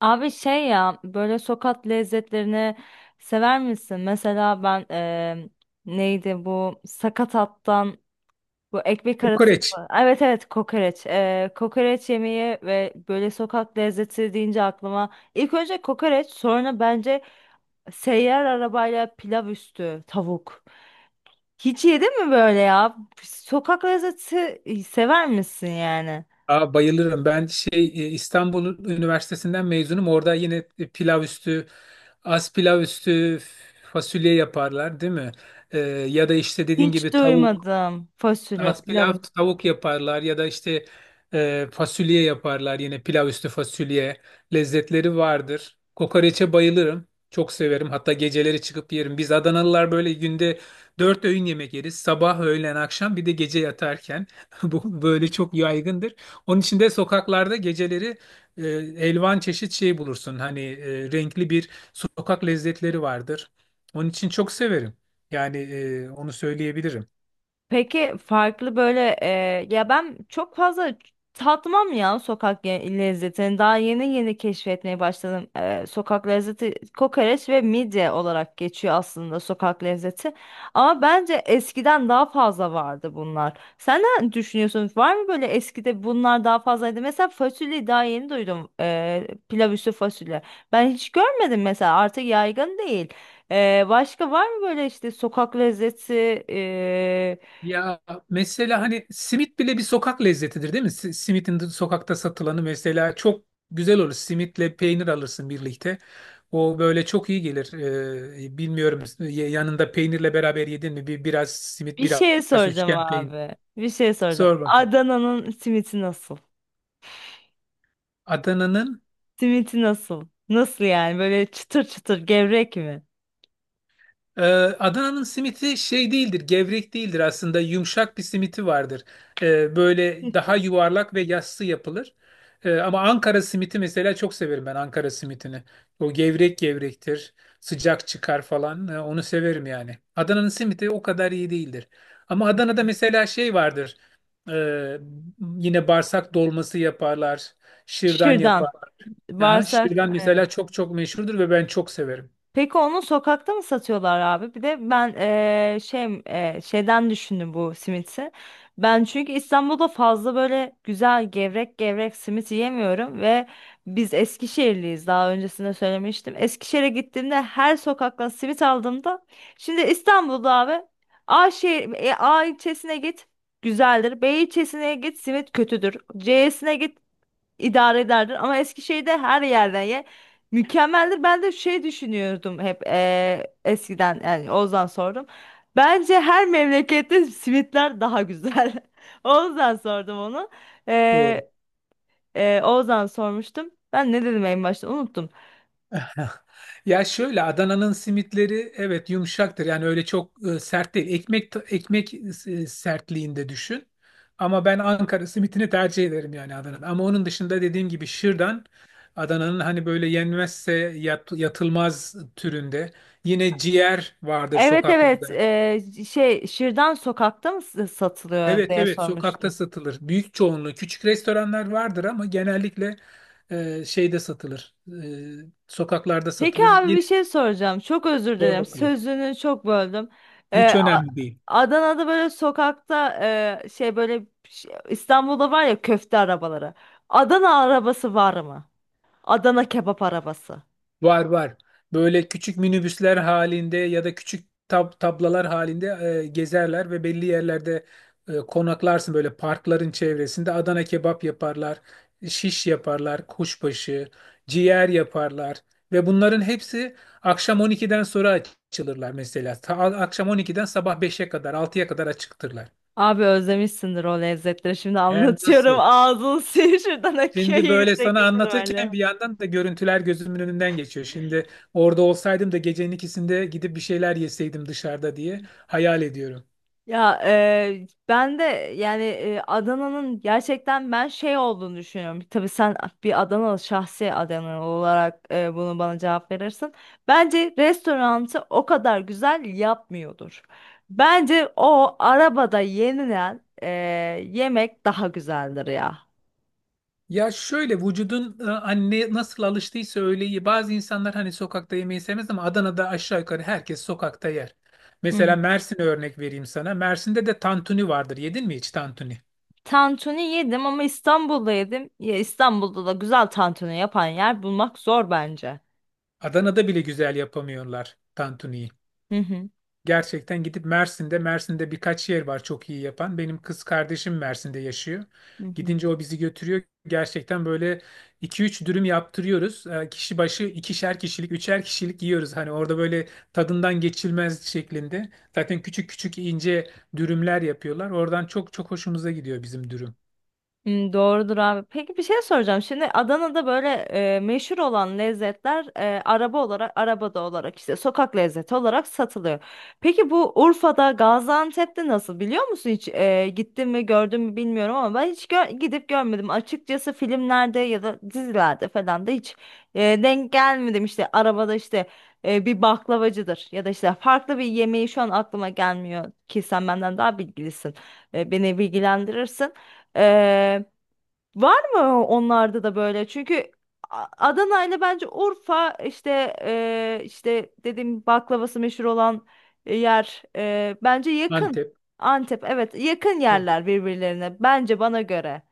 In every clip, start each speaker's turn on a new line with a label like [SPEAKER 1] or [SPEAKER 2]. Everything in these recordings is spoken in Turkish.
[SPEAKER 1] Abi şey ya, böyle sokak lezzetlerini sever misin? Mesela ben neydi bu sakatattan bu ekmek arası
[SPEAKER 2] Kokoreç.
[SPEAKER 1] evet evet, kokoreç. Kokoreç yemeği. Ve böyle sokak lezzeti deyince aklıma ilk önce kokoreç, sonra bence seyyar arabayla pilav üstü tavuk. Hiç yedin mi böyle ya? Sokak lezzeti, sever misin yani?
[SPEAKER 2] Aa, bayılırım. İstanbul Üniversitesi'nden mezunum. Orada yine pilav üstü, az pilav üstü fasulye yaparlar, değil mi? Ya da işte dediğin
[SPEAKER 1] Hiç
[SPEAKER 2] gibi tavuk.
[SPEAKER 1] duymadım fasulye
[SPEAKER 2] Az
[SPEAKER 1] pilav
[SPEAKER 2] pilav
[SPEAKER 1] üstü.
[SPEAKER 2] tavuk yaparlar ya da fasulye yaparlar. Yine pilav üstü fasulye lezzetleri vardır. Kokoreçe bayılırım. Çok severim. Hatta geceleri çıkıp yerim. Biz Adanalılar böyle günde dört öğün yemek yeriz. Sabah, öğlen, akşam bir de gece yatarken. Bu böyle çok yaygındır. Onun için de sokaklarda geceleri e, elvan çeşit şey bulursun. Renkli bir sokak lezzetleri vardır. Onun için çok severim. Yani onu söyleyebilirim.
[SPEAKER 1] Peki farklı böyle, ya ben çok fazla tatmam ya sokak lezzetini. Daha yeni yeni keşfetmeye başladım. Sokak lezzeti kokoreç ve midye olarak geçiyor aslında sokak lezzeti. Ama bence eskiden daha fazla vardı bunlar. Sen ne düşünüyorsun? Var mı böyle, eskide bunlar daha fazlaydı? Mesela fasulyeyi daha yeni duydum. Pilav üstü fasulye. Ben hiç görmedim mesela, artık yaygın değil. Başka var mı böyle işte sokak lezzeti? e,
[SPEAKER 2] Ya mesela hani simit bile bir sokak lezzetidir, değil mi? Simitin de sokakta satılanı mesela çok güzel olur. Simitle peynir alırsın birlikte. O böyle çok iyi gelir. Bilmiyorum yanında peynirle beraber yedin mi? Bir, biraz simit,
[SPEAKER 1] Bir
[SPEAKER 2] biraz
[SPEAKER 1] şey soracağım
[SPEAKER 2] üçgen peynir.
[SPEAKER 1] abi. Bir şey soracağım.
[SPEAKER 2] Sor bakayım.
[SPEAKER 1] Adana'nın simiti nasıl?
[SPEAKER 2] Adana'nın.
[SPEAKER 1] Simiti nasıl? Nasıl yani? Böyle çıtır çıtır gevrek mi?
[SPEAKER 2] Ee, Adana'nın simiti şey değildir, gevrek değildir aslında. Yumuşak bir simiti vardır. Böyle daha
[SPEAKER 1] Kesinlikle.
[SPEAKER 2] yuvarlak ve yassı yapılır. Ama Ankara simiti mesela çok severim ben Ankara simitini. O gevrek gevrektir, sıcak çıkar falan. Onu severim yani. Adana'nın simiti o kadar iyi değildir. Ama Adana'da mesela şey vardır. Ee, Yine bağırsak dolması yaparlar, şırdan
[SPEAKER 1] Şuradan. Ha?
[SPEAKER 2] yaparlar. Aha,
[SPEAKER 1] Bağırsak.
[SPEAKER 2] şırdan mesela çok çok meşhurdur ve ben çok severim.
[SPEAKER 1] Peki onu sokakta mı satıyorlar abi? Bir de ben şey, şeyden düşündüm bu simiti. Ben çünkü İstanbul'da fazla böyle güzel gevrek gevrek simit yiyemiyorum ve biz Eskişehirliyiz, daha öncesinde söylemiştim. Eskişehir'e gittiğimde her sokaktan simit aldığımda, şimdi İstanbul'da abi, A şehir, A ilçesine git güzeldir, B ilçesine git simit kötüdür, C'sine git idare ederdin, ama Eskişehir'de her yerden ye mükemmeldir. Ben de şey düşünüyordum hep, eskiden. Yani Oğuz'dan sordum. Bence her memlekette simitler daha güzel. Oğuz'dan sordum onu.
[SPEAKER 2] Doğru.
[SPEAKER 1] Eee Oğuz'dan sormuştum. Ben ne dedim en başta, unuttum.
[SPEAKER 2] Ya şöyle, Adana'nın simitleri evet yumuşaktır. Yani öyle çok sert değil. Ekmek sertliğinde düşün. Ama ben Ankara simitini tercih ederim yani Adana'da. Ama onun dışında dediğim gibi şırdan Adana'nın hani böyle yenmezse yatılmaz türünde. Yine ciğer vardır
[SPEAKER 1] Evet evet,
[SPEAKER 2] sokaklarda.
[SPEAKER 1] şey, şırdan sokakta mı satılıyor
[SPEAKER 2] Evet,
[SPEAKER 1] diye
[SPEAKER 2] evet, sokakta
[SPEAKER 1] sormuştum.
[SPEAKER 2] satılır. Büyük çoğunluğu küçük restoranlar vardır ama genellikle şeyde satılır. Sokaklarda
[SPEAKER 1] Peki
[SPEAKER 2] satılır.
[SPEAKER 1] abi, bir
[SPEAKER 2] Yine
[SPEAKER 1] şey soracağım. Çok özür
[SPEAKER 2] zor
[SPEAKER 1] dilerim,
[SPEAKER 2] bakılır.
[SPEAKER 1] sözünü çok böldüm. Ee,
[SPEAKER 2] Hiç
[SPEAKER 1] A-
[SPEAKER 2] önemli değil.
[SPEAKER 1] Adana'da böyle sokakta, şey, İstanbul'da var ya köfte arabaları. Adana arabası var mı? Adana kebap arabası.
[SPEAKER 2] Var, var. Böyle küçük minibüsler halinde ya da küçük tablalar halinde gezerler ve belli yerlerde konaklarsın böyle parkların çevresinde. Adana kebap yaparlar, şiş yaparlar, kuşbaşı, ciğer yaparlar ve bunların hepsi akşam 12'den sonra açılırlar mesela. Akşam 12'den sabah 5'e kadar, 6'ya kadar açıktırlar.
[SPEAKER 1] Abi özlemişsindir o lezzetleri. Şimdi
[SPEAKER 2] Hem
[SPEAKER 1] anlatıyorum.
[SPEAKER 2] nasıl?
[SPEAKER 1] Ağzın suyu şuradan akıyor
[SPEAKER 2] Şimdi böyle
[SPEAKER 1] yüksek
[SPEAKER 2] sana
[SPEAKER 1] ihtimalle.
[SPEAKER 2] anlatırken bir yandan da görüntüler gözümün önünden geçiyor. Şimdi orada olsaydım da gecenin ikisinde gidip bir şeyler yeseydim dışarıda diye hayal ediyorum.
[SPEAKER 1] Ya ben de yani, Adana'nın gerçekten ben şey olduğunu düşünüyorum. Tabii sen bir Adanalı, şahsi Adanalı olarak bunu bana cevap verirsin. Bence restoranı o kadar güzel yapmıyordur. Bence o arabada yenilen yemek daha güzeldir ya.
[SPEAKER 2] Ya şöyle, anne nasıl alıştıysa öyle iyi. Bazı insanlar hani sokakta yemeği sevmez ama Adana'da aşağı yukarı herkes sokakta yer.
[SPEAKER 1] Hı hı.
[SPEAKER 2] Mesela Mersin'e örnek vereyim sana. Mersin'de de tantuni vardır. Yedin mi hiç tantuni?
[SPEAKER 1] Tantuni yedim ama İstanbul'da yedim. Ya İstanbul'da da güzel tantuni yapan yer bulmak zor bence.
[SPEAKER 2] Adana'da bile güzel yapamıyorlar tantuniyi.
[SPEAKER 1] Hı hı.
[SPEAKER 2] Gerçekten gidip Mersin'de birkaç yer var çok iyi yapan. Benim kız kardeşim Mersin'de yaşıyor.
[SPEAKER 1] Hı hı.
[SPEAKER 2] Gidince o bizi götürüyor. Gerçekten böyle iki üç dürüm yaptırıyoruz. Kişi başı ikişer kişilik, üçer kişilik yiyoruz. Hani orada böyle tadından geçilmez şeklinde. Zaten küçük küçük ince dürümler yapıyorlar. Oradan çok çok hoşumuza gidiyor bizim dürüm.
[SPEAKER 1] Hmm, doğrudur abi. Peki bir şey soracağım. Şimdi Adana'da böyle meşhur olan lezzetler, araba olarak, arabada olarak işte sokak lezzeti olarak satılıyor. Peki bu Urfa'da, Gaziantep'te nasıl, biliyor musun hiç? E, gittin mi, gördün mü bilmiyorum ama ben hiç gidip görmedim. Açıkçası filmlerde ya da dizilerde falan da hiç denk gelmedim. İşte arabada, işte bir baklavacıdır ya da işte farklı bir yemeği şu an aklıma gelmiyor ki, sen benden daha bilgilisin. E, beni bilgilendirirsin. Var mı onlarda da böyle? Çünkü Adana ile bence Urfa, işte işte dediğim baklavası meşhur olan yer, bence yakın.
[SPEAKER 2] Antep.
[SPEAKER 1] Antep, evet, yakın
[SPEAKER 2] e,
[SPEAKER 1] yerler birbirlerine, bence bana göre.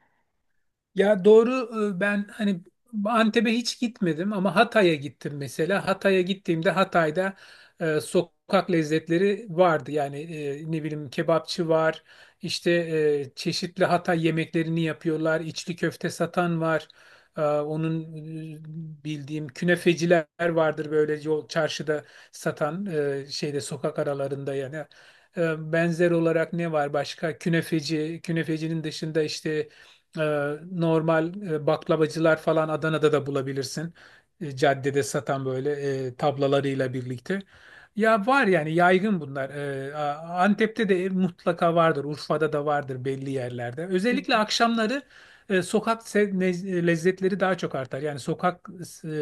[SPEAKER 2] Ya doğru. Ben hani Antep'e hiç gitmedim ama Hatay'a gittim mesela. Hatay'a gittiğimde Hatay'da sokak lezzetleri vardı. Yani ne bileyim kebapçı var, işte çeşitli Hatay yemeklerini yapıyorlar, içli köfte satan var. Onun bildiğim künefeciler vardır böyle yol çarşıda satan şeyde sokak aralarında yani. Benzer olarak ne var başka? Künefeci, künefecinin dışında işte normal baklavacılar falan Adana'da da bulabilirsin. Caddede satan böyle tablalarıyla birlikte. Ya var yani, yaygın bunlar. Antep'te de mutlaka vardır. Urfa'da da vardır belli yerlerde.
[SPEAKER 1] Hı
[SPEAKER 2] Özellikle akşamları sokak lezzetleri daha çok artar. Yani sokak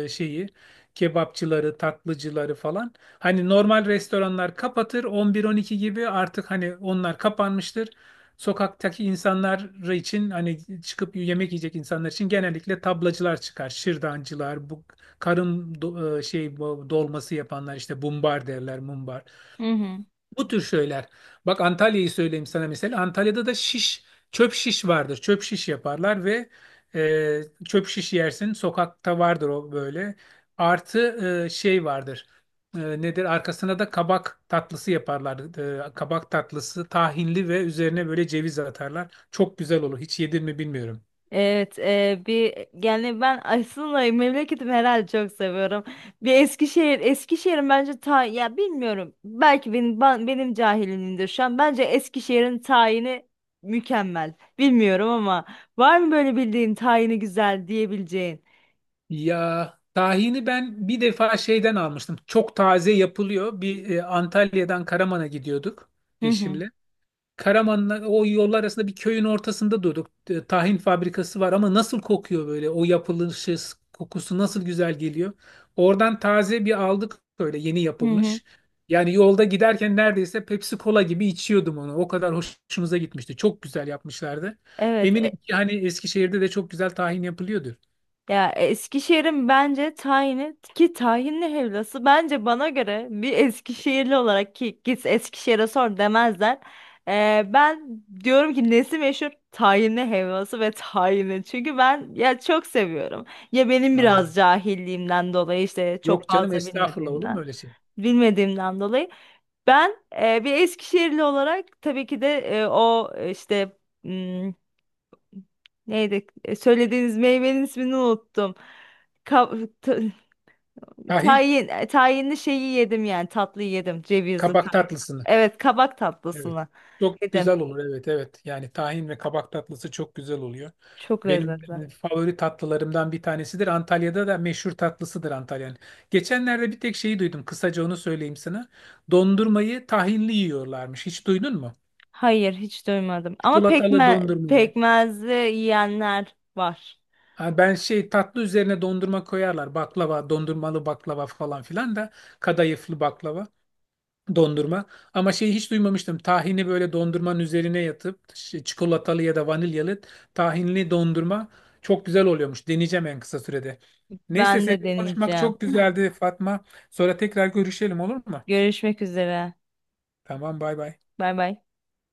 [SPEAKER 2] e, şeyi kebapçıları, tatlıcıları falan. Hani normal restoranlar kapatır 11-12 gibi, artık hani onlar kapanmıştır. Sokaktaki insanlar için, hani çıkıp yemek yiyecek insanlar için, genellikle tablacılar çıkar. Şırdancılar, bu karın do- e, şey bu dolması yapanlar işte, bumbar derler, mumbar.
[SPEAKER 1] hı.
[SPEAKER 2] Bu tür şeyler. Bak, Antalya'yı söyleyeyim sana mesela. Antalya'da da şiş, çöp şiş vardır. Çöp şiş yaparlar ve çöp şiş yersin. Sokakta vardır o böyle. Artı şey vardır. Nedir? Arkasına da kabak tatlısı yaparlar. Kabak tatlısı tahinli ve üzerine böyle ceviz atarlar. Çok güzel olur. Hiç yedin mi bilmiyorum.
[SPEAKER 1] Evet, bir, yani ben aslında memleketimi herhalde çok seviyorum. Bir Eskişehir, Eskişehir'in bence ta, ya bilmiyorum, belki benim benim cahilimdir şu an. Bence Eskişehir'in tayini mükemmel. Bilmiyorum ama var mı böyle bildiğin tayini güzel diyebileceğin?
[SPEAKER 2] Ya tahini ben bir defa şeyden almıştım. Çok taze yapılıyor. Antalya'dan Karaman'a gidiyorduk
[SPEAKER 1] Hı hı.
[SPEAKER 2] eşimle. Karaman'la o yollar arasında bir köyün ortasında durduk. Tahin fabrikası var ama nasıl kokuyor, böyle o yapılışı kokusu nasıl güzel geliyor. Oradan taze bir aldık, böyle yeni
[SPEAKER 1] Hı hı.
[SPEAKER 2] yapılmış. Yani yolda giderken neredeyse Pepsi Cola gibi içiyordum onu. O kadar hoşumuza gitmişti. Çok güzel yapmışlardı.
[SPEAKER 1] Evet.
[SPEAKER 2] Eminim ki hani Eskişehir'de de çok güzel tahin yapılıyordur.
[SPEAKER 1] Ya Eskişehir'in bence tayini ki tahinli helvası, bence bana göre, bir Eskişehirli olarak ki git Eskişehir'e sor demezler. Ben diyorum ki nesi meşhur? Tahinli helvası ve tahini. Çünkü ben ya çok seviyorum. Ya benim
[SPEAKER 2] Yani
[SPEAKER 1] biraz cahilliğimden dolayı, işte çok
[SPEAKER 2] yok canım,
[SPEAKER 1] fazla
[SPEAKER 2] estağfurullah, olur mu
[SPEAKER 1] bilmediğimden
[SPEAKER 2] öyle şey?
[SPEAKER 1] bilmediğimden dolayı ben, bir Eskişehirli olarak tabii ki de o işte, neydi? E, söylediğiniz meyvenin ismini unuttum. Ka- ta-
[SPEAKER 2] Tahin
[SPEAKER 1] tayin, tayinli şeyi yedim, yani tatlıyı yedim. Cevizli
[SPEAKER 2] kabak
[SPEAKER 1] tayin.
[SPEAKER 2] tatlısını.
[SPEAKER 1] Evet, kabak
[SPEAKER 2] Evet.
[SPEAKER 1] tatlısını
[SPEAKER 2] Çok
[SPEAKER 1] yedim.
[SPEAKER 2] güzel olur. Evet, evet. Yani tahin ve kabak tatlısı çok güzel oluyor.
[SPEAKER 1] Çok
[SPEAKER 2] Benim
[SPEAKER 1] lezzetli.
[SPEAKER 2] e, favori tatlılarımdan bir tanesidir. Antalya'da da meşhur tatlısıdır Antalya'nın. Geçenlerde bir tek şeyi duydum. Kısaca onu söyleyeyim sana. Dondurmayı tahinli yiyorlarmış. Hiç duydun mu?
[SPEAKER 1] Hayır, hiç duymadım. Ama
[SPEAKER 2] Çikolatalı dondurmayı.
[SPEAKER 1] pekmezli yiyenler var.
[SPEAKER 2] Ha, ben şey, tatlı üzerine dondurma koyarlar. Baklava, dondurmalı baklava falan filan da, kadayıflı baklava. Dondurma. Ama şeyi hiç duymamıştım. Tahini böyle dondurmanın üzerine yatıp çikolatalı ya da vanilyalı tahinli dondurma çok güzel oluyormuş. Deneyeceğim en kısa sürede. Neyse,
[SPEAKER 1] Ben de
[SPEAKER 2] seninle konuşmak
[SPEAKER 1] deneyeceğim.
[SPEAKER 2] çok güzeldi Fatma. Sonra tekrar görüşelim, olur mu?
[SPEAKER 1] Görüşmek üzere.
[SPEAKER 2] Tamam, bay bay.
[SPEAKER 1] Bay bay.